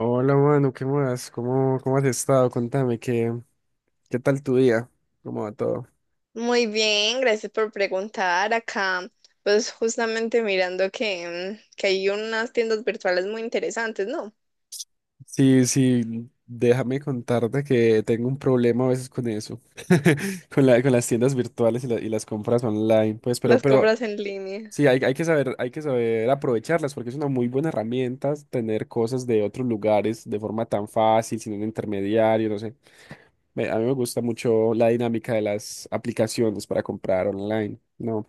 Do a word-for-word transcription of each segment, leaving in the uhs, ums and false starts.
Hola, mano, ¿qué más? ¿Cómo, cómo has estado? Contame, ¿qué, qué tal tu día? ¿Cómo va todo? Muy bien, gracias por preguntar. Acá, pues justamente mirando que, mm, que hay unas tiendas virtuales muy interesantes, ¿no? Sí, sí, déjame contarte que tengo un problema a veces con eso, con la, con las tiendas virtuales y, la- y las compras online, pues, pero, Las pero compras en línea. sí, hay, hay que saber, hay que saber aprovecharlas porque es una muy buena herramienta tener cosas de otros lugares de forma tan fácil, sin un intermediario, no sé. Me- A mí me gusta mucho la dinámica de las aplicaciones para comprar online, ¿no?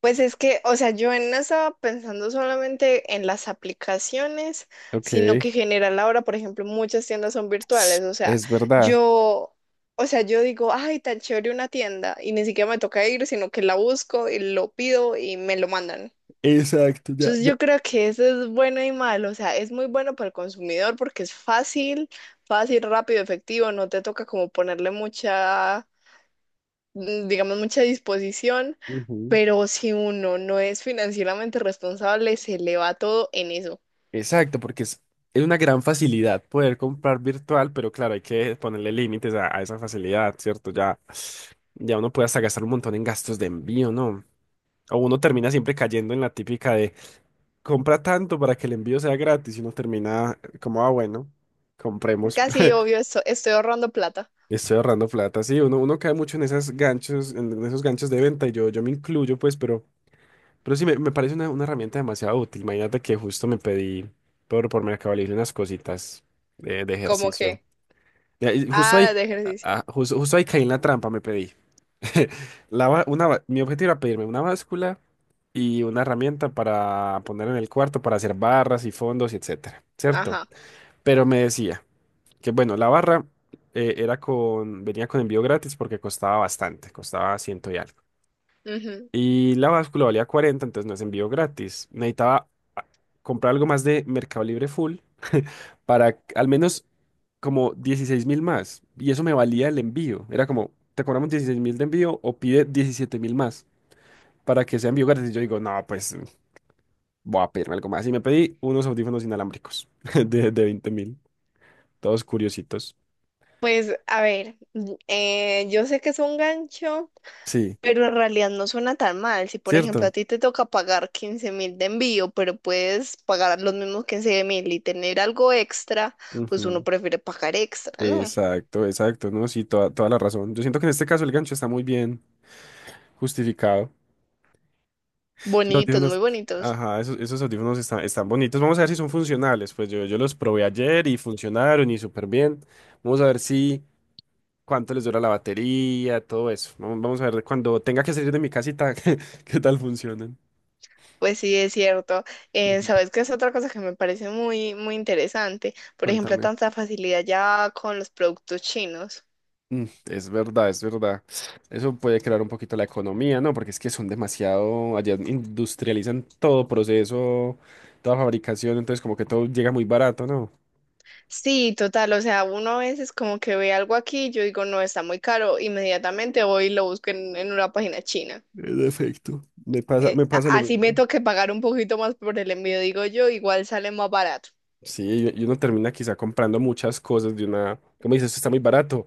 Pues es que, o sea, yo no estaba pensando solamente en las aplicaciones, Ok. sino que en general ahora, por ejemplo, muchas tiendas son virtuales. O sea, Es verdad. yo, o sea, yo digo, ay, tan chévere una tienda, y ni siquiera me toca ir, sino que la busco y lo pido y me lo mandan. Exacto, ya, Entonces ya. yo creo que eso es bueno y malo, o sea, es muy bueno para el consumidor porque es fácil, fácil, rápido, efectivo, no te toca como ponerle mucha, mm, digamos, mucha disposición, Ujú. pero si uno no es financieramente responsable, se le va todo en eso. Exacto, porque es, es una gran facilidad poder comprar virtual, pero claro, hay que ponerle límites a, a esa facilidad, ¿cierto? Ya, ya uno puede hasta gastar un montón en gastos de envío, ¿no? O uno termina siempre cayendo en la típica de compra tanto para que el envío sea gratis y uno termina como, ah, bueno, Es compremos. casi obvio, esto- estoy ahorrando plata, Estoy ahorrando plata. Sí, uno, uno cae mucho en esos ganchos, en esos ganchos de venta y yo, yo me incluyo, pues, pero... Pero sí, me, me parece una, una herramienta demasiado útil. Imagínate que justo me pedí por, por Mercado Libre unas cositas de, de como ejercicio. que, Y ahí- justo ahí, ah, de ah, ejercicio, ah, justo, justo ahí caí en la trampa, me pedí. La, ba- una, ba- mi objetivo era pedirme una báscula y una herramienta para poner en el cuarto para hacer barras y fondos y etcétera, ¿cierto? ajá. Pero me decía que, bueno, la barra eh, era con, venía con envío gratis porque costaba bastante, costaba ciento y algo. Ujú. Y la báscula valía cuarenta entonces no es envío gratis. Necesitaba comprar algo más de Mercado Libre full para al menos como dieciséis mil más. Y eso me valía el envío. Era como, te cobramos dieciséis mil de envío o pide diecisiete mil más para que sea envío gratis. Y yo digo, no, pues voy a pedirme algo más. Y me pedí unos audífonos inalámbricos de, de veinte mil, todos curiositos. Pues a ver, mm, eh, yo sé que es un gancho, Sí, pero en realidad no suena tan mal. Si, por ejemplo, a ¿cierto? ti te toca pagar quince mil de envío, pero puedes pagar los mismos quince mil y tener algo extra, pues uno Ujú. prefiere pagar extra, ¿no? Exacto, exacto, ¿no? Sí, toda, toda la razón. Yo siento que en este caso el gancho está muy bien justificado. Los Bonitos, muy audífonos. bonitos. Ajá, esos, esos audífonos están, están bonitos. Vamos a ver si son funcionales. Pues yo, yo los probé ayer y funcionaron y súper bien. Vamos a ver si cuánto les dura la batería, todo eso. Vamos, vamos a ver cuando tenga que salir de mi casita, qué, qué tal funcionan. Pues sí, es cierto. Eh, Ujú. ¿sabes qué es otra cosa que me parece muy, muy interesante? Por ejemplo, Contame. tanta facilidad ya con los productos chinos. Mm, es verdad, es verdad. Eso puede crear un poquito la economía, ¿no? Porque es que son demasiado, allá industrializan todo proceso, toda fabricación, entonces como que todo llega muy barato, ¿no? Sí, total, o sea, uno a veces como que ve algo aquí, yo digo, no, está muy caro, inmediatamente voy y lo busco en en una página china. En efecto, me pasa, Eh, me pasa a- lo así me mismo. toque pagar un poquito más por el envío, digo yo, igual sale más barato. Sí, y y uno termina quizá comprando muchas cosas de una, como dices, esto está muy barato,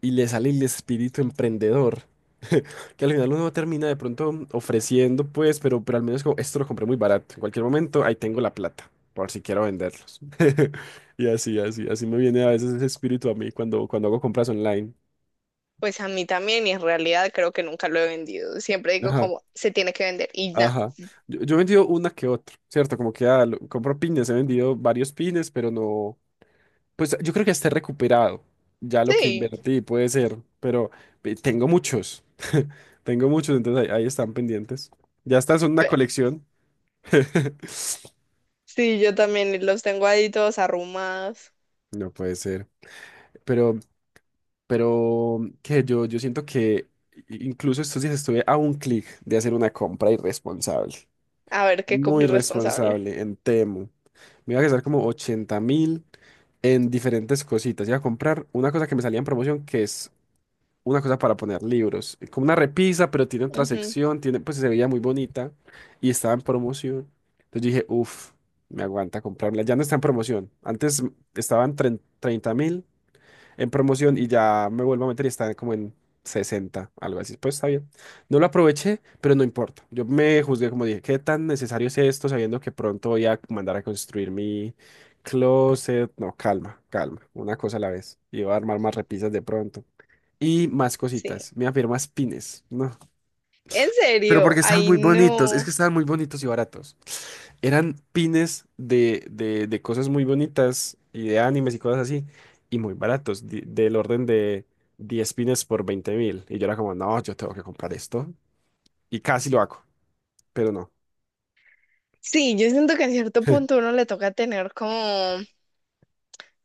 y le sale el espíritu emprendedor, que al final uno termina de pronto ofreciendo, pues, pero, pero al menos como, esto lo compré muy barato, en cualquier momento ahí tengo la plata, por si quiero venderlos. Y así, así, así me viene a veces ese espíritu a mí cuando, cuando hago compras online. Pues a mí también, y en realidad creo que nunca lo he vendido. Siempre digo Ajá, como se tiene que vender y ya. ajá. Yo, yo he vendido una que otra, ¿cierto? Como que ah, lo- compro pines, he vendido varios pines, pero no. Pues yo creo que esté recuperado. Ya lo que Sí, invertí puede ser, pero eh, tengo muchos. Tengo muchos, entonces ahí, ahí están pendientes. Ya están, son una pero colección. sí, yo también y los tengo ahí todos arrumados. No puede ser. Pero, pero que yo, yo siento que i- incluso estos días estuve a un clic de hacer una compra irresponsable. A ver qué compro Muy irresponsable. responsable en Temu. Me iba a gastar como ochenta mil en diferentes cositas. Iba a comprar una cosa que me salía en promoción que es una cosa para poner libros, eh, como una repisa, pero tiene otra Ujú. sección, tiene, pues se veía muy bonita y estaba en promoción. Entonces dije, uff, me aguanta comprarla. Ya no está en promoción. Antes mm, estaban treinta mil en promoción y ya me vuelvo a meter y está como en sesenta algo así. Pues está bien. No lo aproveché, pero no importa. Yo me juzgué como dije, ¿qué tan necesario es esto sabiendo que pronto voy a mandar a construir mi closet? No, calma, calma, una cosa a la vez. Y voy a armar más repisas de pronto. Y más Sí. cositas. Me había más pines. No. En Pero serio, porque estaban ay muy bonitos. Es no. que estaban muy bonitos y baratos. Eran pines de, de, de cosas muy bonitas y de animes y cosas así. Y muy baratos. di- del orden de diez pines por veinte mil. Y yo era como, no, yo tengo que comprar esto. Y casi lo hago. Pero no. Sí, yo siento que en cierto punto uno le toca tener como,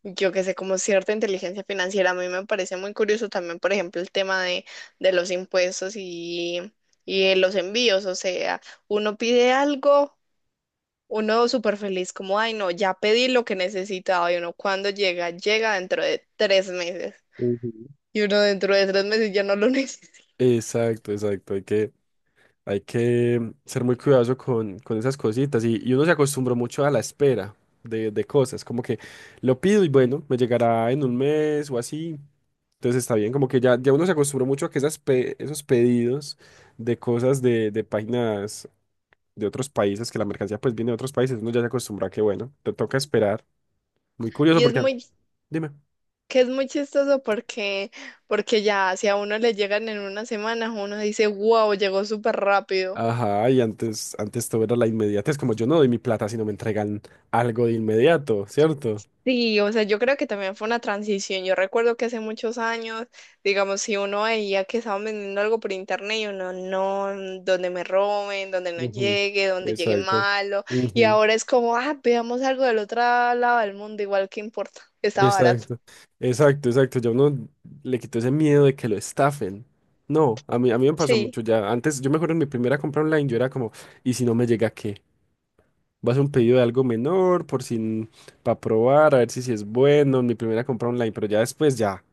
yo qué sé, como cierta inteligencia financiera. A mí me parece muy curioso también, por ejemplo, el tema de, de los impuestos y, y de los envíos. O sea, uno pide algo, uno súper feliz, como, ay no, ya pedí lo que necesitaba. Y uno cuando llega, llega dentro de tres meses. Ujú. Y uno dentro de tres meses ya no lo necesita. Exacto, exacto. Hay que, Hay que ser muy cuidadoso con, con esas cositas y, y uno se acostumbró mucho a la espera de, de cosas, como que lo pido y bueno, me llegará en un mes o así, entonces está bien, como que ya, ya uno se acostumbró mucho a que esas pe- esos pedidos de cosas de, de páginas de otros países, que la mercancía pues viene de otros países, uno ya se acostumbra a que bueno, te toca esperar, muy curioso Y es porque, an- muy dime, que es muy chistoso porque, porque ya si a uno le llegan en una semana, uno dice, wow, llegó súper rápido. ajá, y antes, antes todo era la inmediatez, como yo no doy mi plata si no me entregan algo de inmediato, ¿cierto? Sí, o sea, yo creo que también fue una transición. Yo recuerdo que hace muchos años, digamos, si uno veía que estaban vendiendo algo por internet y uno, no, donde me roben, donde no Ujú, llegue, donde llegue exacto. malo. Y Ujú. ahora es como, ah, veamos algo del otro lado del mundo, igual que importa, está barato. Exacto, exacto, exacto. Ya uno le quitó ese miedo de que lo estafen. No, a mí, a mí me pasó Sí, mucho ya. Antes, yo me acuerdo en mi primera compra online, yo era como, ¿y si no me llega qué? Vas a hacer un pedido de algo menor, por si, para probar, a ver si, si es bueno en mi primera compra online, pero ya después ya,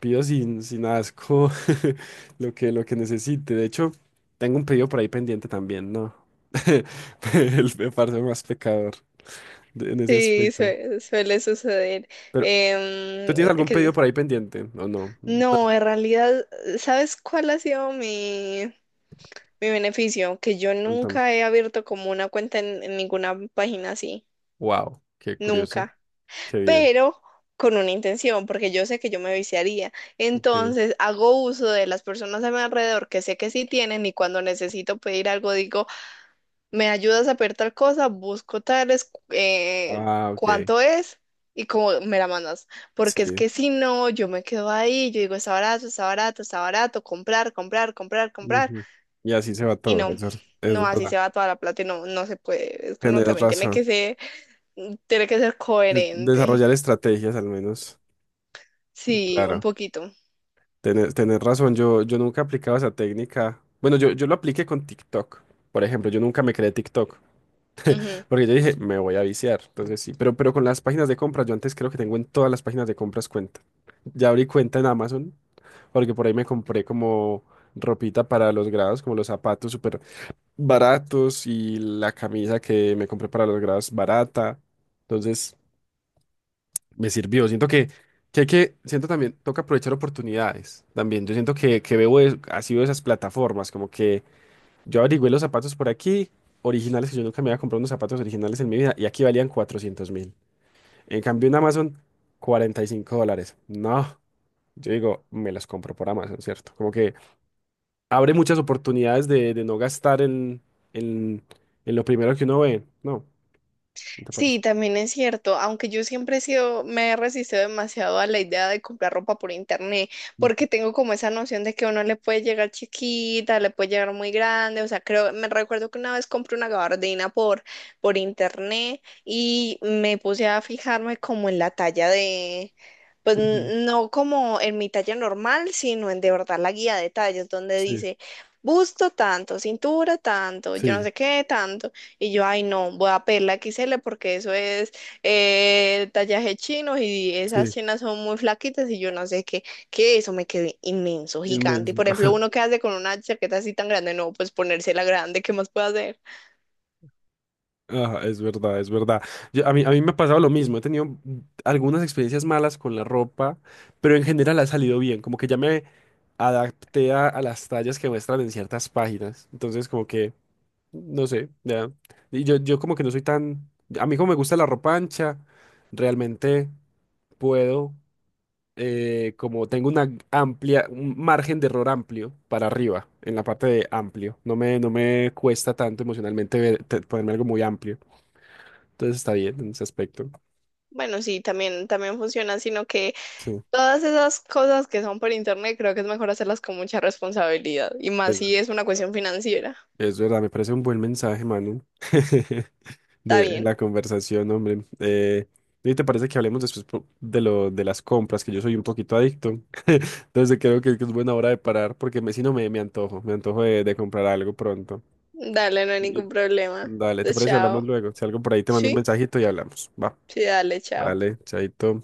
pido sin, sin asco lo que, lo que necesite. De hecho, tengo un pedido por ahí pendiente también, ¿no? El, me parece más pecador de- en ese sí, aspecto. sue- suele suceder. ¿Tú Em, tienes algún que pedido por ahí pendiente? ¿O no? No, No, en realidad, ¿sabes cuál ha sido mi, mi beneficio? Que yo nunca he abierto como una cuenta en, en ninguna página así, wow, qué curioso. nunca, Qué bien. pero con una intención, porque yo sé que yo me viciaría. Ok. Entonces, hago uso de las personas a mi alrededor que sé que sí tienen y cuando necesito pedir algo digo me ayudas a pedir tal cosa, busco tales, eh, Ah, ok. cuánto es y como me la mandas. Porque es Sí. que si no, yo me quedo ahí, yo digo, está barato, está barato, está barato, comprar, comprar, comprar, comprar. Ujú. Y así se va Y todo. no, Eso es, es no, así verdad. se va toda la plata y no, no se puede. Es que uno Tienes también tiene razón. que ser, tiene que ser De- coherente. desarrollar estrategias al menos. Sí, un Claro. poquito. tener tener razón. Yo, yo nunca he aplicado esa técnica. Bueno, yo, yo lo apliqué con TikTok. Por ejemplo, yo nunca me creé TikTok. Ujú. Porque yo dije, me voy a viciar. Entonces sí. Pero, pero con las páginas de compras, yo antes creo que tengo en todas las páginas de compras cuenta. Ya abrí cuenta en Amazon. Porque por ahí me compré como ropita para los grados, como los zapatos súper baratos y la camisa que me compré para los grados barata. Entonces, me sirvió. Siento que, que hay que, siento también, toca aprovechar oportunidades también. Yo siento que, que, veo, es- así veo esas plataformas, como que yo averigüé los zapatos por aquí, originales, que yo nunca me había comprado unos zapatos originales en mi vida, y aquí valían cuatrocientos mil. En cambio, en Amazon, cuarenta y cinco dólares. No, yo digo, me los compro por Amazon, ¿cierto? Como que abre muchas oportunidades de, de no gastar en, en, en lo primero que uno ve, ¿no? ¿No te parece? Sí, también es cierto, aunque yo siempre he sido, me he resistido demasiado a la idea de comprar ropa por internet, Ujú. porque tengo como esa noción de que uno le puede llegar chiquita, le puede llegar muy grande, o sea, creo, me recuerdo que una vez compré una gabardina por, por internet y me puse a fijarme como en la talla de, pues Ujú. n- no como en mi talla normal, sino en de verdad la guía de tallas, donde Sí, dice busto tanto, cintura tanto, yo no sí, sé qué tanto. Y yo, ay, no, voy a pedir la X L porque eso es eh, tallaje chino y esas sí, chinas son muy flaquitas y yo no sé qué, que eso me quedé inmenso, gigante. Y inmenso. por ejemplo, uno que hace con una chaqueta así tan grande, no, pues ponérsela grande, ¿qué más puedo hacer? Ajá, es verdad, es verdad. Yo- a mí, a mí me ha pasado lo mismo, he tenido mm, algunas experiencias malas con la ropa, pero en general ha salido bien, como que ya me adapté a, a las tallas que muestran en ciertas páginas, entonces como que, no sé, ya. Y yo, yo como que no soy tan, a mí como me gusta la ropa ancha, realmente puedo. Eh, como tengo una amplia, un margen de error amplio para arriba, en la parte de amplio. No me, no me cuesta tanto emocionalmente ver- te- ponerme algo muy amplio. Entonces está bien en ese aspecto. Bueno, sí, también, también funciona, sino que Sí, todas esas cosas que son por internet creo que es mejor hacerlas con mucha responsabilidad y más eso. si es una cuestión financiera. Es verdad, me parece un buen mensaje, Manu, Está de, en bien, la conversación, hombre. Eh, ¿y te parece que hablemos después po- de lo, de las compras? Que yo soy un poquito adicto. Entonces creo que, que es buena hora de parar porque me, si no me, me antojo, me antojo de, de comprar algo pronto. dale, no hay ningún problema. Dale, ¿te Entonces, parece si hablamos chao. luego? Si algo por ahí te mando un Sí, mensajito y hablamos. Va, sí, dale, chao. dale, chaito.